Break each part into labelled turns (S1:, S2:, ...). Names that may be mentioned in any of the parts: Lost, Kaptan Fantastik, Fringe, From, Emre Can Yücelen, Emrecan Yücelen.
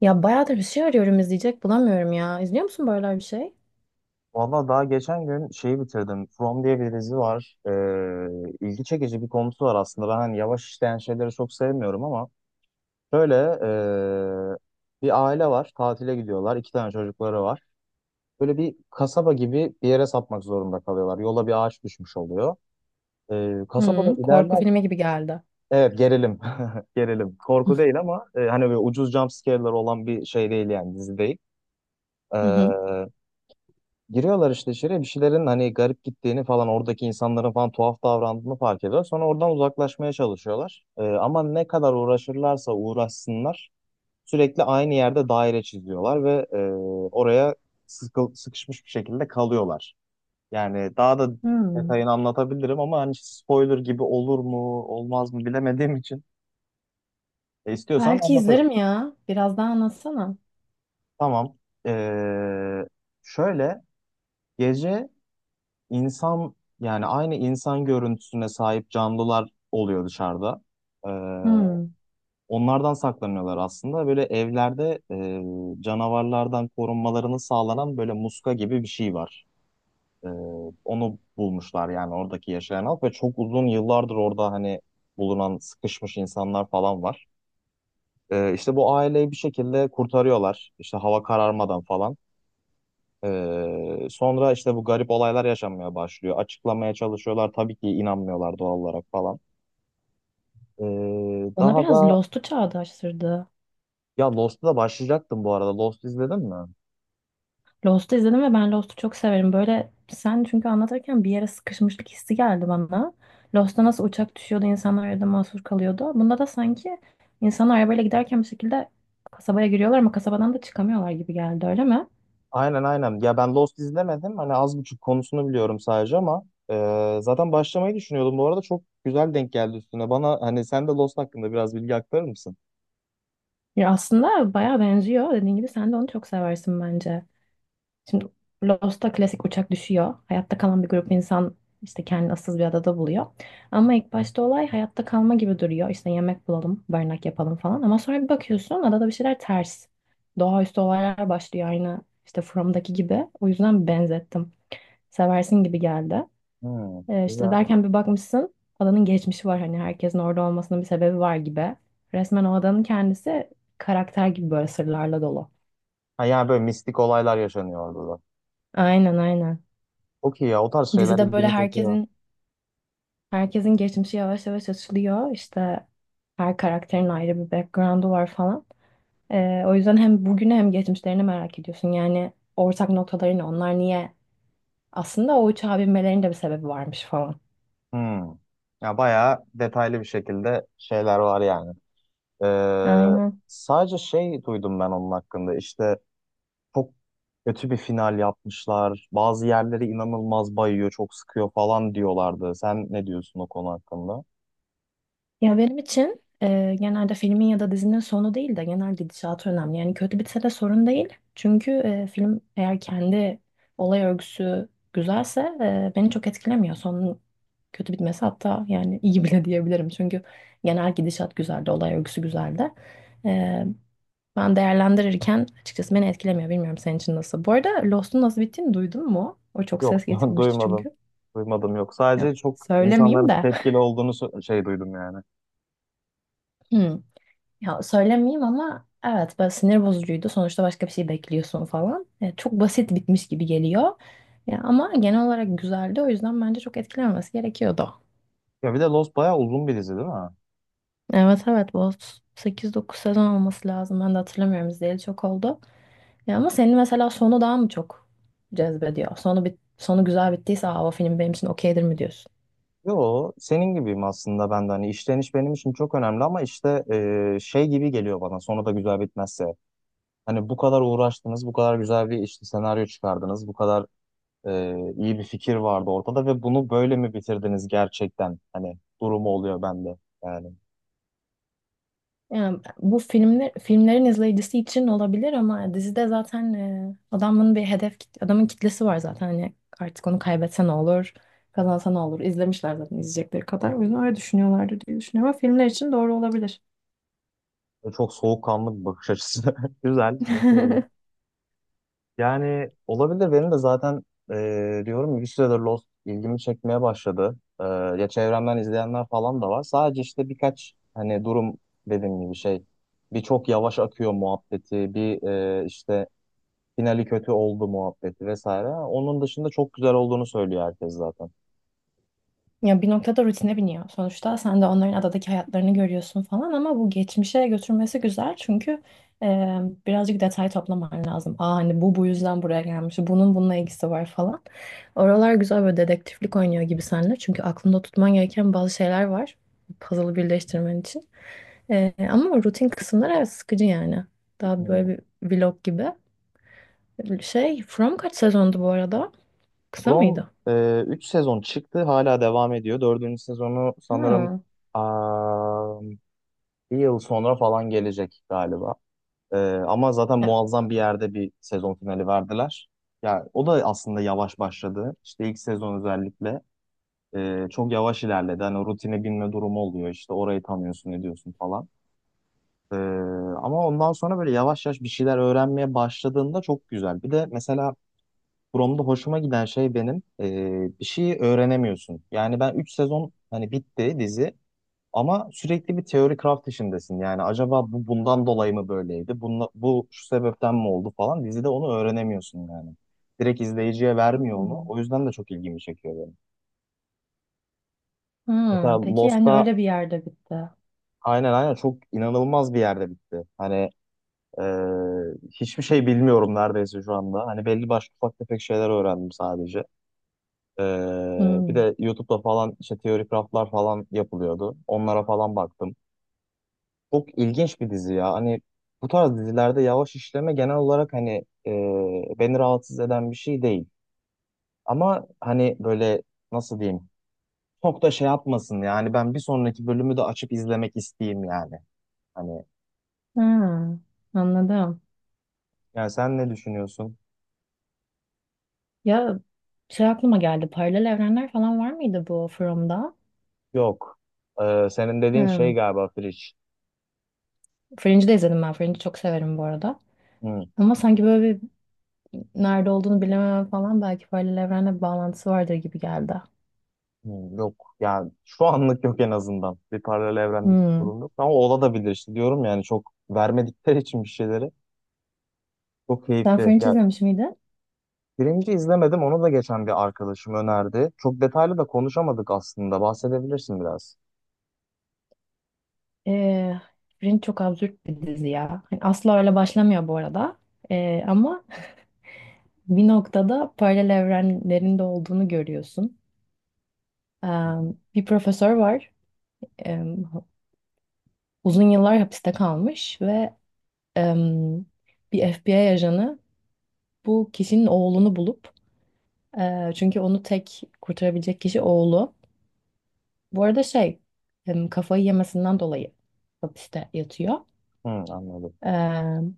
S1: Ya bayağıdır bir şey arıyorum izleyecek bulamıyorum ya. İzliyor musun böyle bir şey?
S2: Valla daha geçen gün şeyi bitirdim. From diye bir dizi var. İlgi çekici bir konusu var aslında. Ben hani yavaş işleyen şeyleri çok sevmiyorum ama böyle bir aile var. Tatile gidiyorlar. İki tane çocukları var. Böyle bir kasaba gibi bir yere sapmak zorunda kalıyorlar. Yola bir ağaç düşmüş oluyor. Kasabada
S1: Hı, korku
S2: ilerlerken
S1: filmi gibi geldi.
S2: evet, gerilim. Gerilim. Korku değil ama hani böyle ucuz jump scare'lar olan bir şey değil, yani dizi değil.
S1: Hı
S2: Ee,
S1: hı.
S2: Giriyorlar işte içeriye, bir şeylerin hani garip gittiğini falan, oradaki insanların falan tuhaf davrandığını fark ediyor. Sonra oradan uzaklaşmaya çalışıyorlar. Ama ne kadar uğraşırlarsa uğraşsınlar sürekli aynı yerde daire çiziyorlar ve oraya sıkışmış bir şekilde kalıyorlar. Yani daha da
S1: Hmm.
S2: detayını anlatabilirim ama hani spoiler gibi olur mu olmaz mı bilemediğim için istiyorsan
S1: Belki
S2: anlatırım.
S1: izlerim ya. Biraz daha anlatsana.
S2: Tamam. Ee, şöyle gece insan, yani aynı insan görüntüsüne sahip canlılar oluyor dışarıda. Ee,
S1: Hmm.
S2: onlardan saklanıyorlar aslında. Böyle evlerde canavarlardan korunmalarını sağlanan böyle muska gibi bir şey var. Ee, onu bulmuşlar, yani oradaki yaşayan halk ve çok uzun yıllardır orada hani bulunan sıkışmış insanlar falan var. İşte bu aileyi bir şekilde kurtarıyorlar. İşte hava kararmadan falan. Sonra işte bu garip olaylar yaşanmaya başlıyor. Açıklamaya çalışıyorlar. Tabii ki inanmıyorlar doğal olarak falan. Ee,
S1: Bana
S2: daha
S1: biraz
S2: da
S1: Lost'u çağrıştırdı.
S2: ya, Lost'u da başlayacaktım bu arada. Lost izledin mi?
S1: Lost'u izledim ve ben Lost'u çok severim. Böyle sen çünkü anlatırken bir yere sıkışmışlık hissi geldi bana. Lost'ta nasıl uçak düşüyordu, insanlar arada mahsur kalıyordu. Bunda da sanki insanlar arabayla giderken bir şekilde kasabaya giriyorlar ama kasabadan da çıkamıyorlar gibi geldi, öyle mi?
S2: Aynen, aynen. Ya ben Lost izlemedim. Hani az buçuk konusunu biliyorum sadece ama zaten başlamayı düşünüyordum. Bu arada çok güzel denk geldi üstüne. Bana hani sen de Lost hakkında biraz bilgi aktarır mısın?
S1: Ya aslında bayağı benziyor. Dediğin gibi sen de onu çok seversin bence. Şimdi Lost'ta klasik uçak düşüyor. Hayatta kalan bir grup insan işte kendini ıssız bir adada buluyor. Ama ilk başta olay hayatta kalma gibi duruyor. İşte yemek bulalım, barınak yapalım falan. Ama sonra bir bakıyorsun adada bir şeyler ters. Doğaüstü olaylar başlıyor aynı işte From'daki gibi. O yüzden benzettim. Seversin gibi geldi.
S2: Hmm,
S1: İşte
S2: güzel.
S1: derken bir bakmışsın adanın geçmişi var hani herkesin orada olmasının bir sebebi var gibi. Resmen o adanın kendisi karakter gibi böyle sırlarla dolu.
S2: Ha, yani böyle mistik olaylar yaşanıyor orada da.
S1: Aynen aynen.
S2: Okey ya, o tarz şeyler
S1: Dizide böyle
S2: ilgimi çekiyor.
S1: herkesin geçmişi yavaş yavaş açılıyor. İşte her karakterin ayrı bir background'u var falan. O yüzden hem bugünü hem geçmişlerini merak ediyorsun. Yani ortak noktaları ne? Onlar niye? Aslında o uçağa binmelerinin de bir sebebi varmış falan.
S2: Hmm. Ya bayağı detaylı bir şekilde şeyler var yani. Ee,
S1: Aynen.
S2: sadece şey duydum ben onun hakkında. İşte çok kötü bir final yapmışlar. Bazı yerleri inanılmaz bayıyor, çok sıkıyor falan diyorlardı. Sen ne diyorsun o konu hakkında?
S1: Ya benim için genelde filmin ya da dizinin sonu değil de genel gidişatı önemli. Yani kötü bitse de sorun değil. Çünkü film eğer kendi olay örgüsü güzelse beni çok etkilemiyor. Sonun kötü bitmesi hatta yani iyi bile diyebilirim. Çünkü genel gidişat güzeldi, olay örgüsü güzeldi. E, Ben değerlendirirken açıkçası beni etkilemiyor. Bilmiyorum senin için nasıl. Bu arada Lost'un nasıl bittiğini duydun mu? O çok
S2: Yok,
S1: ses getirmişti
S2: duymadım.
S1: çünkü.
S2: Duymadım, yok.
S1: Ya,
S2: Sadece çok
S1: söylemeyeyim
S2: insanların
S1: de.
S2: tepkili olduğunu şey duydum yani.
S1: Ya söylemeyeyim ama evet böyle sinir bozucuydu. Sonuçta başka bir şey bekliyorsun falan. Çok basit bitmiş gibi geliyor. Ya, ama genel olarak güzeldi. O yüzden bence çok etkilenmesi gerekiyordu.
S2: Ya bir de Lost bayağı uzun bir dizi değil mi?
S1: Evet evet, bu 8-9 sezon olması lazım. Ben de hatırlamıyorum, izleyeli çok oldu. Ya, ama senin mesela sonu daha mı çok cezbediyor? Sonu güzel bittiyse Aa, o film benim için okeydir mi diyorsun?
S2: Yo, senin gibiyim aslında ben de. Hani işleniş benim için çok önemli ama işte şey gibi geliyor bana, sonu da güzel bitmezse. Hani bu kadar uğraştınız, bu kadar güzel bir işte senaryo çıkardınız, bu kadar iyi bir fikir vardı ortada ve bunu böyle mi bitirdiniz gerçekten? Hani durumu oluyor bende yani.
S1: Yani bu filmlerin izleyicisi için olabilir ama dizide zaten adamın kitlesi var zaten hani artık onu kaybetse ne olur kazansa ne olur, izlemişler zaten izleyecekleri kadar, o yüzden öyle düşünüyorlardır diye düşünüyorum ama filmler için doğru olabilir.
S2: Ve çok soğukkanlı bir bakış açısı. Güzel, başarılı. Yani olabilir. Benim de zaten diyorum ya, bir süredir Lost ilgimi çekmeye başladı. E, ya çevremden izleyenler falan da var. Sadece işte birkaç hani durum, dediğim gibi şey. Bir, çok yavaş akıyor muhabbeti, bir işte finali kötü oldu muhabbeti vesaire. Onun dışında çok güzel olduğunu söylüyor herkes zaten.
S1: Ya bir noktada rutine biniyor. Sonuçta sen de onların adadaki hayatlarını görüyorsun falan ama bu geçmişe götürmesi güzel çünkü e, birazcık detay toplaman lazım. Aa hani bu yüzden buraya gelmiş, bunun bununla ilgisi var falan. Oralar güzel, böyle dedektiflik oynuyor gibi seninle çünkü aklında tutman gereken bazı şeyler var, puzzle'ı birleştirmen için. Ama rutin kısımlar evet sıkıcı yani. Daha
S2: Hmm.
S1: böyle bir vlog gibi. Şey, From kaç sezondu bu arada? Kısa
S2: From
S1: mıydı?
S2: 3 sezon çıktı, hala devam ediyor. Dördüncü sezonu sanırım
S1: Ha.
S2: aa, bir yıl sonra falan gelecek galiba. Ee, ama zaten
S1: Ya-
S2: muazzam bir yerde bir sezon finali verdiler. Ya o da aslında yavaş başladı. İşte ilk sezon özellikle çok yavaş ilerledi. Hani o rutine binme durumu oluyor. İşte orayı tanıyorsun, ediyorsun falan. Ee, ama ondan sonra böyle yavaş yavaş bir şeyler öğrenmeye başladığında çok güzel. Bir de mesela Prom'da hoşuma giden şey benim, bir şeyi öğrenemiyorsun. Yani ben 3 sezon, hani bitti dizi. Ama sürekli bir teori craft işindesin. Yani acaba bu bundan dolayı mı böyleydi? Bunla, bu şu sebepten mi oldu falan. Dizide onu öğrenemiyorsun yani. Direkt izleyiciye vermiyor onu.
S1: Hmm.
S2: O yüzden de çok ilgimi çekiyor benim. Mesela
S1: Peki yani
S2: Lost'ta
S1: öyle bir yerde bitti.
S2: aynen, aynen çok inanılmaz bir yerde bitti. Hani e, hiçbir şey bilmiyorum neredeyse şu anda. Hani belli başlı ufak tefek şeyler öğrendim sadece. E, bir
S1: Hmm.
S2: de YouTube'da falan işte teori craftlar falan yapılıyordu. Onlara falan baktım. Çok ilginç bir dizi ya. Hani bu tarz dizilerde yavaş işleme genel olarak hani e, beni rahatsız eden bir şey değil. Ama hani böyle, nasıl diyeyim? Çok da şey yapmasın yani, ben bir sonraki bölümü de açıp izlemek isteyeyim yani. Hani
S1: Hmm, Anladım.
S2: yani sen ne düşünüyorsun?
S1: Ya şey aklıma geldi. Paralel evrenler falan var mıydı bu From'da?
S2: Yok. Senin dediğin
S1: Hmm.
S2: şey galiba Fridge.
S1: Fringe'i de izledim ben. Fringe'i çok severim bu arada.
S2: Hı,
S1: Ama sanki böyle bir nerede olduğunu bilemem falan, belki paralel evrenle bir bağlantısı vardır gibi geldi.
S2: hı, yok. Yani şu anlık yok, en azından. Bir paralel evrendeki
S1: Hmm.
S2: durum yok. Ama olabilir işte, diyorum yani çok vermedikleri için bir şeyleri. Çok
S1: Sen
S2: keyifli.
S1: Fringe
S2: Ya,
S1: izlemiş miydin?
S2: birinci izlemedim. Onu da geçen bir arkadaşım önerdi. Çok detaylı da konuşamadık aslında. Bahsedebilirsin biraz.
S1: Ee, Fringe çok absürt bir dizi ya. Hani asla öyle başlamıyor bu arada. Ama bir noktada paralel evrenlerin de olduğunu görüyorsun.
S2: Hı,
S1: Bir profesör var. Em, Uzun yıllar hapiste kalmış ve em, bir FBI ajanı bu kişinin oğlunu bulup çünkü onu tek kurtarabilecek kişi oğlu. Bu arada şey kafayı yemesinden dolayı hapiste yatıyor.
S2: anladım.
S1: Em,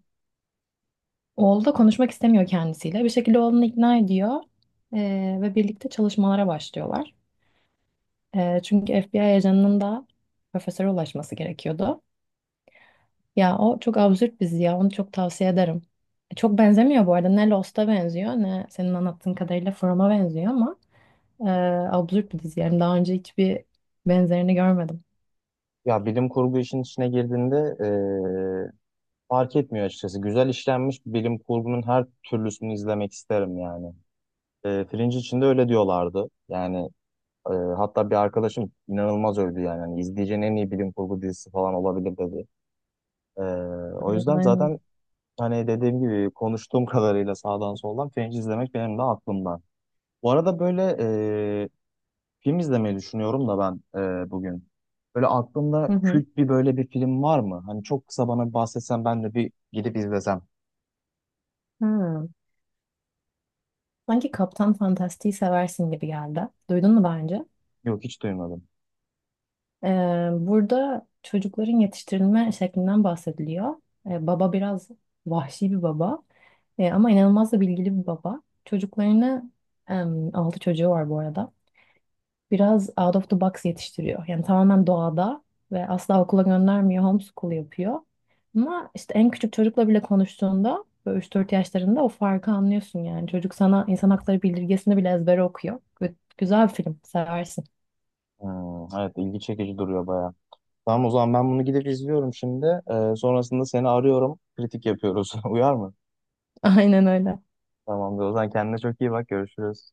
S1: Oğlu da konuşmak istemiyor kendisiyle. Bir şekilde oğlunu ikna ediyor ve birlikte çalışmalara başlıyorlar. Çünkü FBI ajanının da profesöre ulaşması gerekiyordu. Ya o çok absürt dizi ya. Onu çok tavsiye ederim. Çok benzemiyor bu arada. Ne Lost'a benziyor ne senin anlattığın kadarıyla From'a benziyor ama e, absürt bir dizi. Yani daha önce hiçbir benzerini görmedim.
S2: Ya bilim kurgu işin içine girdiğinde eee, fark etmiyor açıkçası. Güzel işlenmiş bilim kurgunun her türlüsünü izlemek isterim yani. Fringe için de öyle diyorlardı. Yani hatta bir arkadaşım inanılmaz övdü yani. Hani izleyeceğin en iyi bilim kurgu dizisi falan olabilir dedi. Eee, o
S1: Aynen,
S2: yüzden zaten
S1: aynen.
S2: hani dediğim gibi konuştuğum kadarıyla sağdan soldan Fringe izlemek benim de aklımda. Bu arada böyle e, film izlemeyi düşünüyorum da ben bugün. Böyle
S1: Hı
S2: aklında
S1: hı.
S2: kült bir böyle bir film var mı? Hani çok kısa bana bir bahsetsen ben de bir gidip izlesem.
S1: Ha. Sanki Kaptan Fantastik'i seversin gibi geldi. Duydun mu daha önce?
S2: Yok, hiç duymadım.
S1: E, Burada çocukların yetiştirilme şeklinden bahsediliyor. Baba biraz vahşi bir baba, ama inanılmaz da bilgili bir baba. Çocuklarını, altı çocuğu var bu arada, biraz out of the box yetiştiriyor. Yani tamamen doğada ve asla okula göndermiyor, homeschool yapıyor. Ama işte en küçük çocukla bile konuştuğunda böyle 3-4 yaşlarında o farkı anlıyorsun yani. Çocuk sana insan hakları bildirgesini bile ezbere okuyor. Güzel bir film, seversin.
S2: Hmm, evet, ilgi çekici duruyor baya. Tamam, o zaman ben bunu gidip izliyorum şimdi. Sonrasında seni arıyorum. Kritik yapıyoruz. Uyar mı?
S1: Aynen öyle.
S2: Tamamdır, o zaman kendine çok iyi bak, görüşürüz.